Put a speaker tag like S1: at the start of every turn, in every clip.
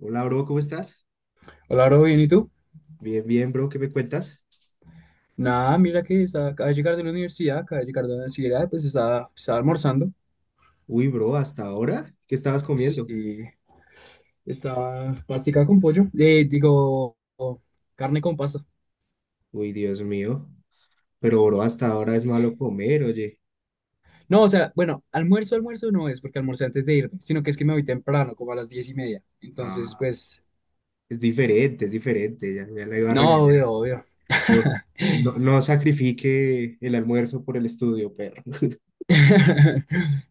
S1: Hola, bro, ¿cómo estás?
S2: Hola, bro, bien, ¿y tú?
S1: Bien, bro, ¿qué me cuentas?
S2: Nada, mira que acaba de llegar de la universidad, pues estaba almorzando.
S1: Uy, bro, ¿hasta ahora? ¿Qué estabas
S2: Pues,
S1: comiendo?
S2: sí, estaba pastica con pollo, digo, carne con pasta.
S1: Uy, Dios mío. Pero, bro, hasta ahora
S2: Sí.
S1: es malo comer, oye.
S2: No, o sea, bueno, almuerzo no es porque almorcé antes de irme, sino que es que me voy temprano, como a las 10:30. Entonces,
S1: Ah,
S2: pues,
S1: es diferente, es diferente, ya, ya la iba a
S2: no,
S1: regañar.
S2: obvio, obvio.
S1: No, no, no sacrifique el almuerzo por el estudio, perro.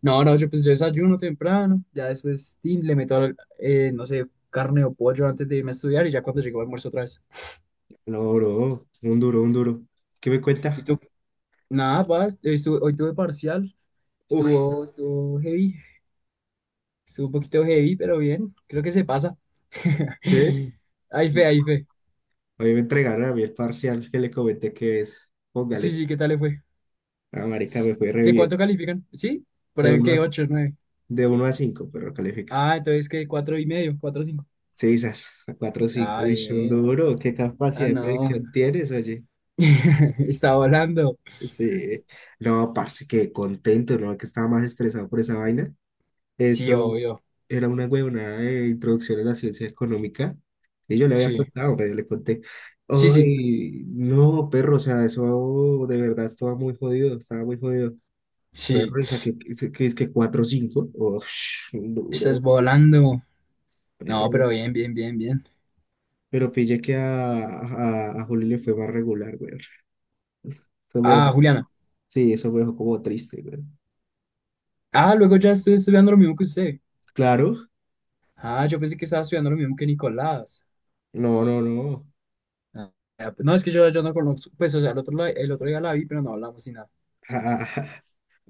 S2: No, no, yo pues yo desayuno temprano, ya después tin, le meto, no sé, carne o pollo antes de irme a estudiar y ya cuando llego almuerzo otra vez.
S1: No, bro, un duro, un duro. ¿Qué me
S2: Y
S1: cuenta?
S2: tú, nada, paz, hoy tuve parcial,
S1: Uy,
S2: estuvo heavy, estuvo un poquito heavy, pero bien, creo que se pasa.
S1: ¿sí?
S2: Hay fe, hay fe.
S1: Hoy me entregaron a mí el parcial que le comenté que es.
S2: Sí,
S1: Póngale.
S2: sí, ¿qué tal le fue?
S1: La marica me fue re
S2: ¿De cuánto
S1: bien.
S2: califican? ¿Sí? Por
S1: De
S2: ahí
S1: 1 a,
S2: que 8 nueve.
S1: de uno a 5, pero califica.
S2: Ah, entonces que 4 y medio, 4 cinco.
S1: Sí, esas cuatro, cinco,
S2: Ah,
S1: uy, son
S2: bien.
S1: duro, qué
S2: Ah,
S1: capacidad de
S2: no.
S1: predicción tienes, oye.
S2: Está volando.
S1: Sí, no, parce, qué contento, no, que estaba más estresado por esa vaina.
S2: Sí,
S1: Eso
S2: obvio.
S1: era una huevonada de introducción a la ciencia económica. Y yo le había
S2: Sí.
S1: contado, pero yo le conté,
S2: Sí, sí.
S1: ay, no, perro, o sea, eso de verdad estaba muy jodido, estaba muy jodido.
S2: Sí.
S1: Perro, y saqué, que es que cuatro, cinco, oh, un
S2: Estás
S1: duro,
S2: volando. No,
S1: perro.
S2: pero bien, bien, bien, bien.
S1: Pero pillé que a Juli le fue más regular, güey. Eso me
S2: Ah,
S1: dejó-
S2: Juliana.
S1: sí, eso me dejó como triste, güey.
S2: Ah, luego ya estoy estudiando lo mismo que usted.
S1: Claro,
S2: Ah, yo pensé que estaba estudiando lo mismo que Nicolás.
S1: no, no, no.
S2: Ah, ya, pues, no, es que yo no conozco, pues, o sea, el otro, el otro día la vi, pero no hablamos ni nada.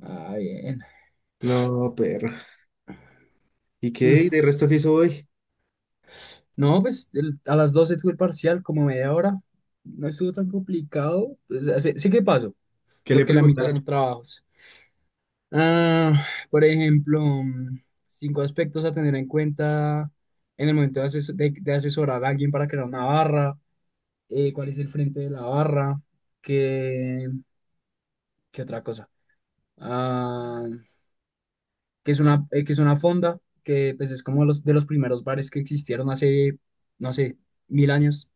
S2: Ah, bien.
S1: No, perro. ¿Y qué?
S2: Mm,
S1: ¿Y de resto qué hizo hoy?
S2: No, pues a las 12 tuve el parcial, como media hora. No estuvo tan complicado. Pues, sé qué pasó,
S1: ¿Qué le
S2: porque la mitad
S1: preguntaron?
S2: son trabajos. Ah, por ejemplo, cinco aspectos a tener en cuenta en el momento de asesorar a alguien para crear una barra. Cuál es el frente de la barra. ¿Qué, qué otra cosa? ah, que que es una fonda, que pues es como de los primeros bares que existieron hace, no sé, mil años.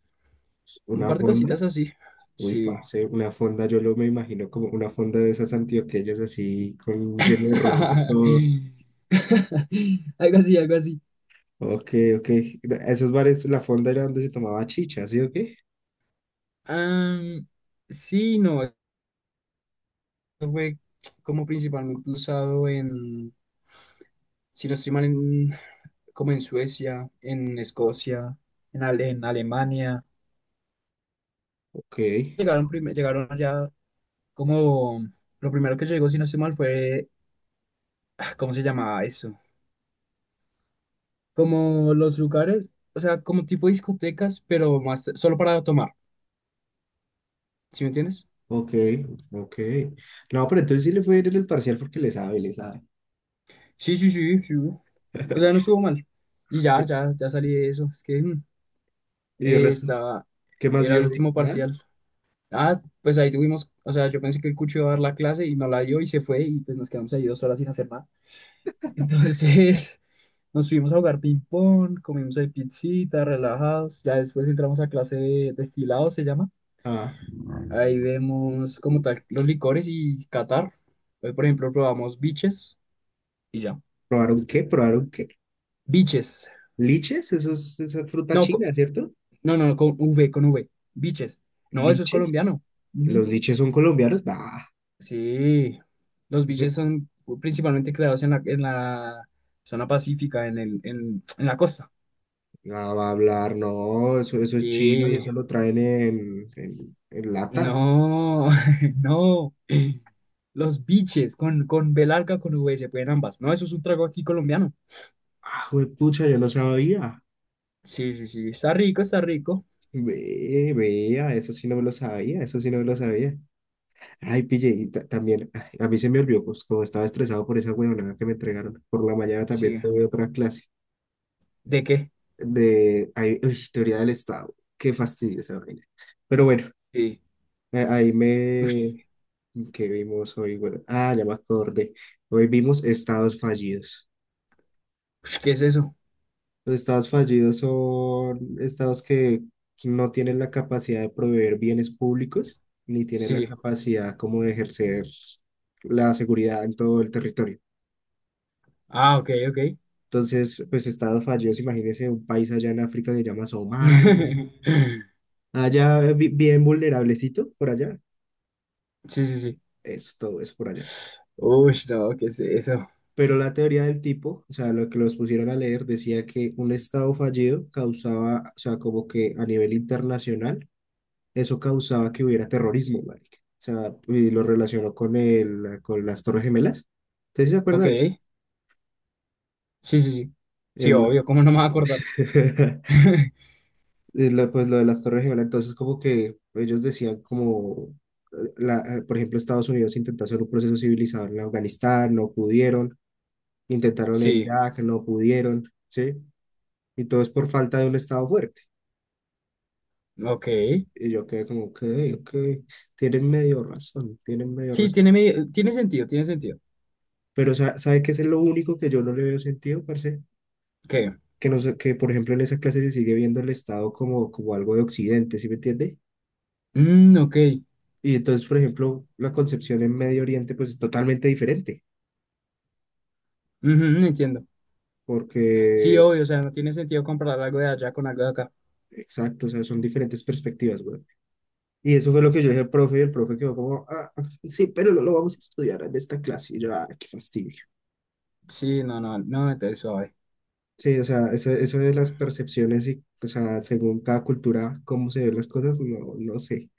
S2: Un
S1: ¿Una
S2: par de
S1: fonda?
S2: cositas así.
S1: Uy,
S2: Sí.
S1: parce, una fonda, yo lo me imagino como una fonda de esas antioqueñas así, con lleno de ruano todo.
S2: Algo así, algo así.
S1: Ok, ok. Esos bares, la fonda era donde se tomaba chicha, ¿sí o qué?
S2: Am, sí, no, eso fue como principalmente usado en, si no estoy mal, como en Suecia, en Escocia, en Alemania.
S1: Ok,
S2: Llegaron allá como, lo primero que llegó, si no estoy mal, fue. ¿Cómo se llamaba eso? Como los lugares, o sea, como tipo discotecas, pero más solo para tomar, ¿sí me entiendes?
S1: ok, ok. No, pero entonces sí le fue bien en el parcial porque le sabe, le sabe.
S2: Sí, sí, sí, sí. O sea, no estuvo mal. Y ya, ya, ya salí de eso. Es que
S1: ¿Y el
S2: eh,
S1: resto?
S2: estaba,
S1: ¿Qué más
S2: era el
S1: vio hoy?
S2: último
S1: ¿Nada?
S2: parcial. Ah, pues ahí tuvimos, o sea, yo pensé que el cucho iba a dar la clase y no la dio y se fue y pues nos quedamos ahí 2 horas sin hacer nada. Entonces, nos fuimos a jugar ping-pong, comimos ahí pizzita, relajados. Ya después entramos a clase de destilado, se llama.
S1: Ah.
S2: Ahí vemos como tal los licores y Qatar. Hoy, por ejemplo, probamos biches y ya.
S1: ¿Probaron qué? ¿Probaron qué?
S2: Biches.
S1: ¿Liches? Eso es, esa es fruta
S2: No,
S1: china, ¿cierto?
S2: no, no, no, con V. Biches. No, eso es
S1: ¿Liches?
S2: colombiano. Ujú.
S1: ¿Los liches son colombianos? Bah,
S2: Sí, los biches
S1: yo-
S2: son principalmente creados en la zona pacífica, en la costa.
S1: ah, va a hablar, no, eso es chino y
S2: Sí,
S1: eso lo traen en lata.
S2: no, no. Los biches con B larga, con V, se pueden ambas. No, eso es un trago aquí colombiano.
S1: Ah, pucha, yo no sabía.
S2: Sí, sí, sí, está rico, está rico.
S1: Ve, vea, eso sí no me lo sabía, eso sí no me lo sabía. Ay, pille, y también, ay, a mí se me olvidó, pues como estaba estresado por esa huevonada que me entregaron. Por la mañana también
S2: Sí.
S1: tuve otra clase
S2: ¿De qué?
S1: de teoría del Estado. Qué fastidio esa vaina. Pero bueno.
S2: Sí.
S1: Ahí
S2: Ush,
S1: me... ¿Qué vimos hoy? Bueno, ya me acordé. Hoy vimos estados fallidos.
S2: ush, ¿qué es eso?
S1: Los estados fallidos son estados que no tienen la capacidad de proveer bienes públicos, ni tienen la
S2: Sí.
S1: capacidad como de ejercer la seguridad en todo el territorio.
S2: Ah, ok, ok.
S1: Entonces, pues estados fallidos, imagínense un país allá en África que se llama Somalia, allá bien vulnerablecito por allá.
S2: Sí, sí, sí.
S1: Eso, todo eso por allá.
S2: Uy, no, ¿qué es eso?
S1: Pero la teoría del tipo, o sea, lo que los pusieron a leer, decía que un Estado fallido causaba, o sea, como que a nivel internacional, eso causaba que hubiera terrorismo, marica. O sea, y lo relacionó con el, con las Torres Gemelas. ¿Usted sí se
S2: Ok.
S1: acuerda de eso?
S2: Sí, sí, sí. Sí,
S1: El,
S2: obvio, ¿cómo no me voy a acordar?
S1: pues lo de las Torres Gemelas, entonces como que ellos decían como, por ejemplo, Estados Unidos intentó hacer un proceso civilizador en Afganistán, no pudieron, intentaron en
S2: Sí,
S1: Irak, no pudieron, ¿sí? Y todo es por falta de un Estado fuerte.
S2: ok.
S1: Y yo quedé como, ok, ok, tienen medio razón, tienen medio
S2: Sí,
S1: razón.
S2: tiene sentido, tiene sentido.
S1: Pero ¿sabe qué es lo único que yo no le veo sentido, parce?
S2: Ok.
S1: Que, no, por ejemplo, en esa clase se sigue viendo el Estado como, como algo de Occidente, ¿sí me entiende?
S2: Mm, ok.
S1: Y entonces, por ejemplo, la concepción en Medio Oriente, pues es totalmente diferente,
S2: Ujú, entiendo. Sí,
S1: porque,
S2: obvio, o sea, no tiene sentido comprar algo de allá con algo de acá.
S1: exacto, o sea, son diferentes perspectivas, güey. Y eso fue lo que yo dije al profe, y el profe quedó como, sí, pero no lo vamos a estudiar en esta clase. Y yo, ah, qué fastidio.
S2: Sí, no, no, no, entonces suave.
S1: Sí, o sea, eso de las percepciones y, o sea, según cada cultura, cómo se ven las cosas, no, no sé.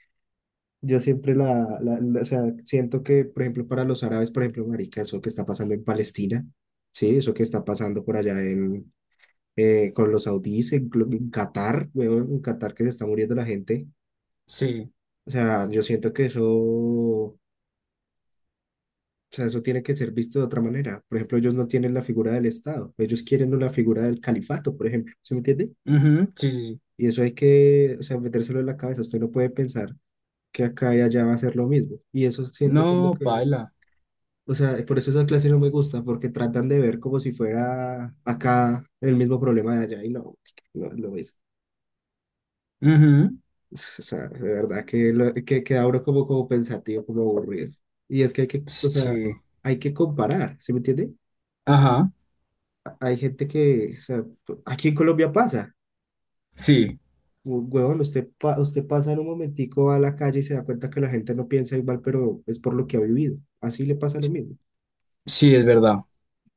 S1: Yo siempre o sea, siento que, por ejemplo, para los árabes, por ejemplo, marica, eso que está pasando en Palestina, sí, eso que está pasando por allá con los saudíes, en Qatar, weón, en Qatar que se está muriendo la gente.
S2: Sí.
S1: O sea, yo siento que eso, o sea, eso tiene que ser visto de otra manera. Por ejemplo, ellos no tienen la figura del Estado, ellos quieren una figura del califato, por ejemplo, ¿se me entiende?
S2: Ujú, sí, sí, sí.
S1: Y eso hay que, o sea, metérselo en la cabeza. Usted no puede pensar que acá y allá va a ser lo mismo. Y eso siento que es lo
S2: No,
S1: que,
S2: baila.
S1: o sea, por eso esa clase no me gusta, porque tratan de ver como si fuera acá el mismo problema de allá. Y no, no es lo mismo. O sea, de verdad que, lo, que queda uno como, como pensativo, como aburrido. Y es que hay que, o sea,
S2: Sí.
S1: hay que comparar, ¿sí me entiende?
S2: Ajá,
S1: Hay gente que, o sea, aquí en Colombia pasa.
S2: sí,
S1: Huevón, usted pasa en un momentico a la calle y se da cuenta que la gente no piensa igual, pero es por lo que ha vivido. Así le pasa lo mismo.
S2: sí, es verdad.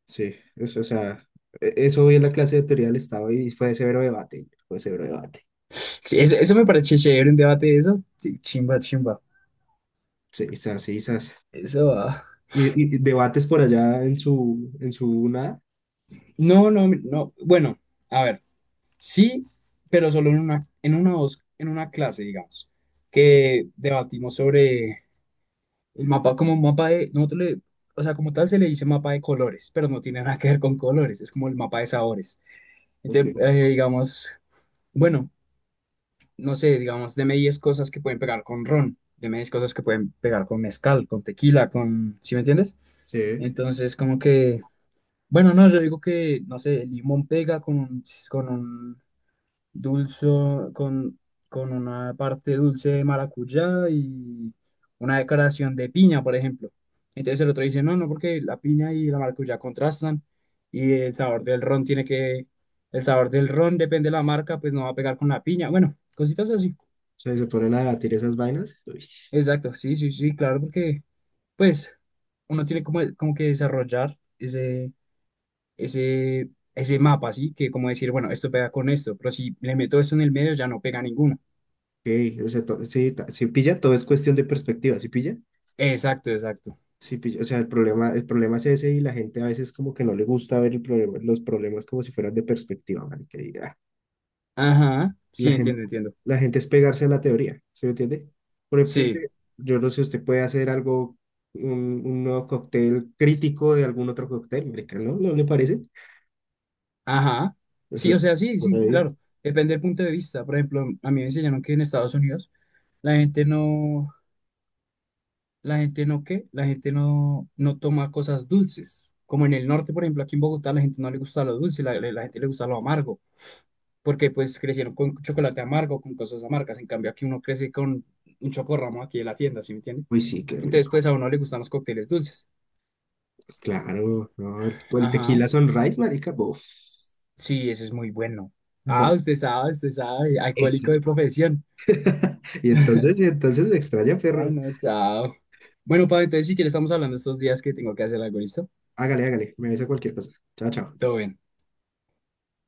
S1: Sí, eso, o sea, eso vi en la clase de teoría del Estado y fue severo debate, fue severo debate.
S2: Sí, eso me parece chévere, un debate de eso. Sí, chimba, chimba.
S1: Sí, esas, sí, sas.
S2: Eso. Ah.
S1: Y debates por allá en su nada.
S2: No, no, no. Bueno, a ver, sí, pero solo en una clase, digamos, que debatimos sobre el mapa, como un mapa de, o sea, como tal se le dice mapa de colores, pero no tiene nada que ver con colores, es como el mapa de sabores.
S1: Ok,
S2: Entonces, digamos, bueno. No sé, digamos, deme 10 cosas que pueden pegar con ron, deme 10 cosas que pueden pegar con mezcal, con tequila, con, ¿sí me entiendes?
S1: sí.
S2: Entonces, como que, bueno, no, yo digo que, no sé, el limón pega con un dulce, con, con una parte dulce de maracuyá y una decoración de piña, por ejemplo. Entonces el otro dice, no, no, porque la piña y la maracuyá contrastan y el sabor del ron depende de la marca, pues no va a pegar con la piña. Bueno, cositas así.
S1: O sea, se ponen a debatir esas vainas. Uy,
S2: Exacto, sí, sí, sí, claro, porque pues uno tiene como que desarrollar ese mapa, ¿sí? Que como decir, bueno, esto pega con esto, pero si le meto esto en el medio ya no pega ninguno.
S1: ok, o sea, sí pilla, todo es cuestión de perspectiva, ¿sí pilla?
S2: Exacto, exacto.
S1: Sí, o sea, el problema es ese y la gente a veces como que no le gusta ver el problema, los problemas como si fueran de perspectiva, marica, y, ah,
S2: Ajá, sí,
S1: la
S2: entiendo,
S1: gente,
S2: entiendo.
S1: la gente es pegarse a la teoría, ¿se me entiende? Por ejemplo,
S2: Sí,
S1: yo no sé, usted puede hacer algo, un, un nuevo cóctel crítico de algún otro cóctel, marica, ¿no? ¿No le parece?
S2: ajá.
S1: Eso,
S2: Sí, o sea, sí,
S1: por
S2: sí,
S1: ahí.
S2: claro. Depende del punto de vista. Por ejemplo, a mí me enseñaron que en Estados Unidos la gente no, la gente no, ¿qué? La gente no, no toma cosas dulces. Como en el norte, por ejemplo, aquí en Bogotá, la gente no le gusta lo dulce, la gente le gusta lo amargo. Porque pues crecieron con chocolate amargo, con cosas amargas, en cambio aquí uno crece con un chocorramo aquí de la tienda, ¿sí me entiende?
S1: Uy, sí, qué
S2: Entonces
S1: rico.
S2: pues a uno le gustan los cócteles dulces.
S1: Claro, no, el
S2: Ajá,
S1: tequila Sunrise, marica, bof,
S2: sí, ese es muy bueno. Ah,
S1: bof,
S2: usted sabe,
S1: ese.
S2: alcohólico de profesión.
S1: Y entonces me extraña,
S2: Ah,
S1: perro.
S2: no, chao. Bueno, Pablo, entonces si quieres estamos hablando estos días que tengo que hacer algo, ¿listo?
S1: Hágale, hágale. Me avisa cualquier cosa. Chao, chao.
S2: Todo bien.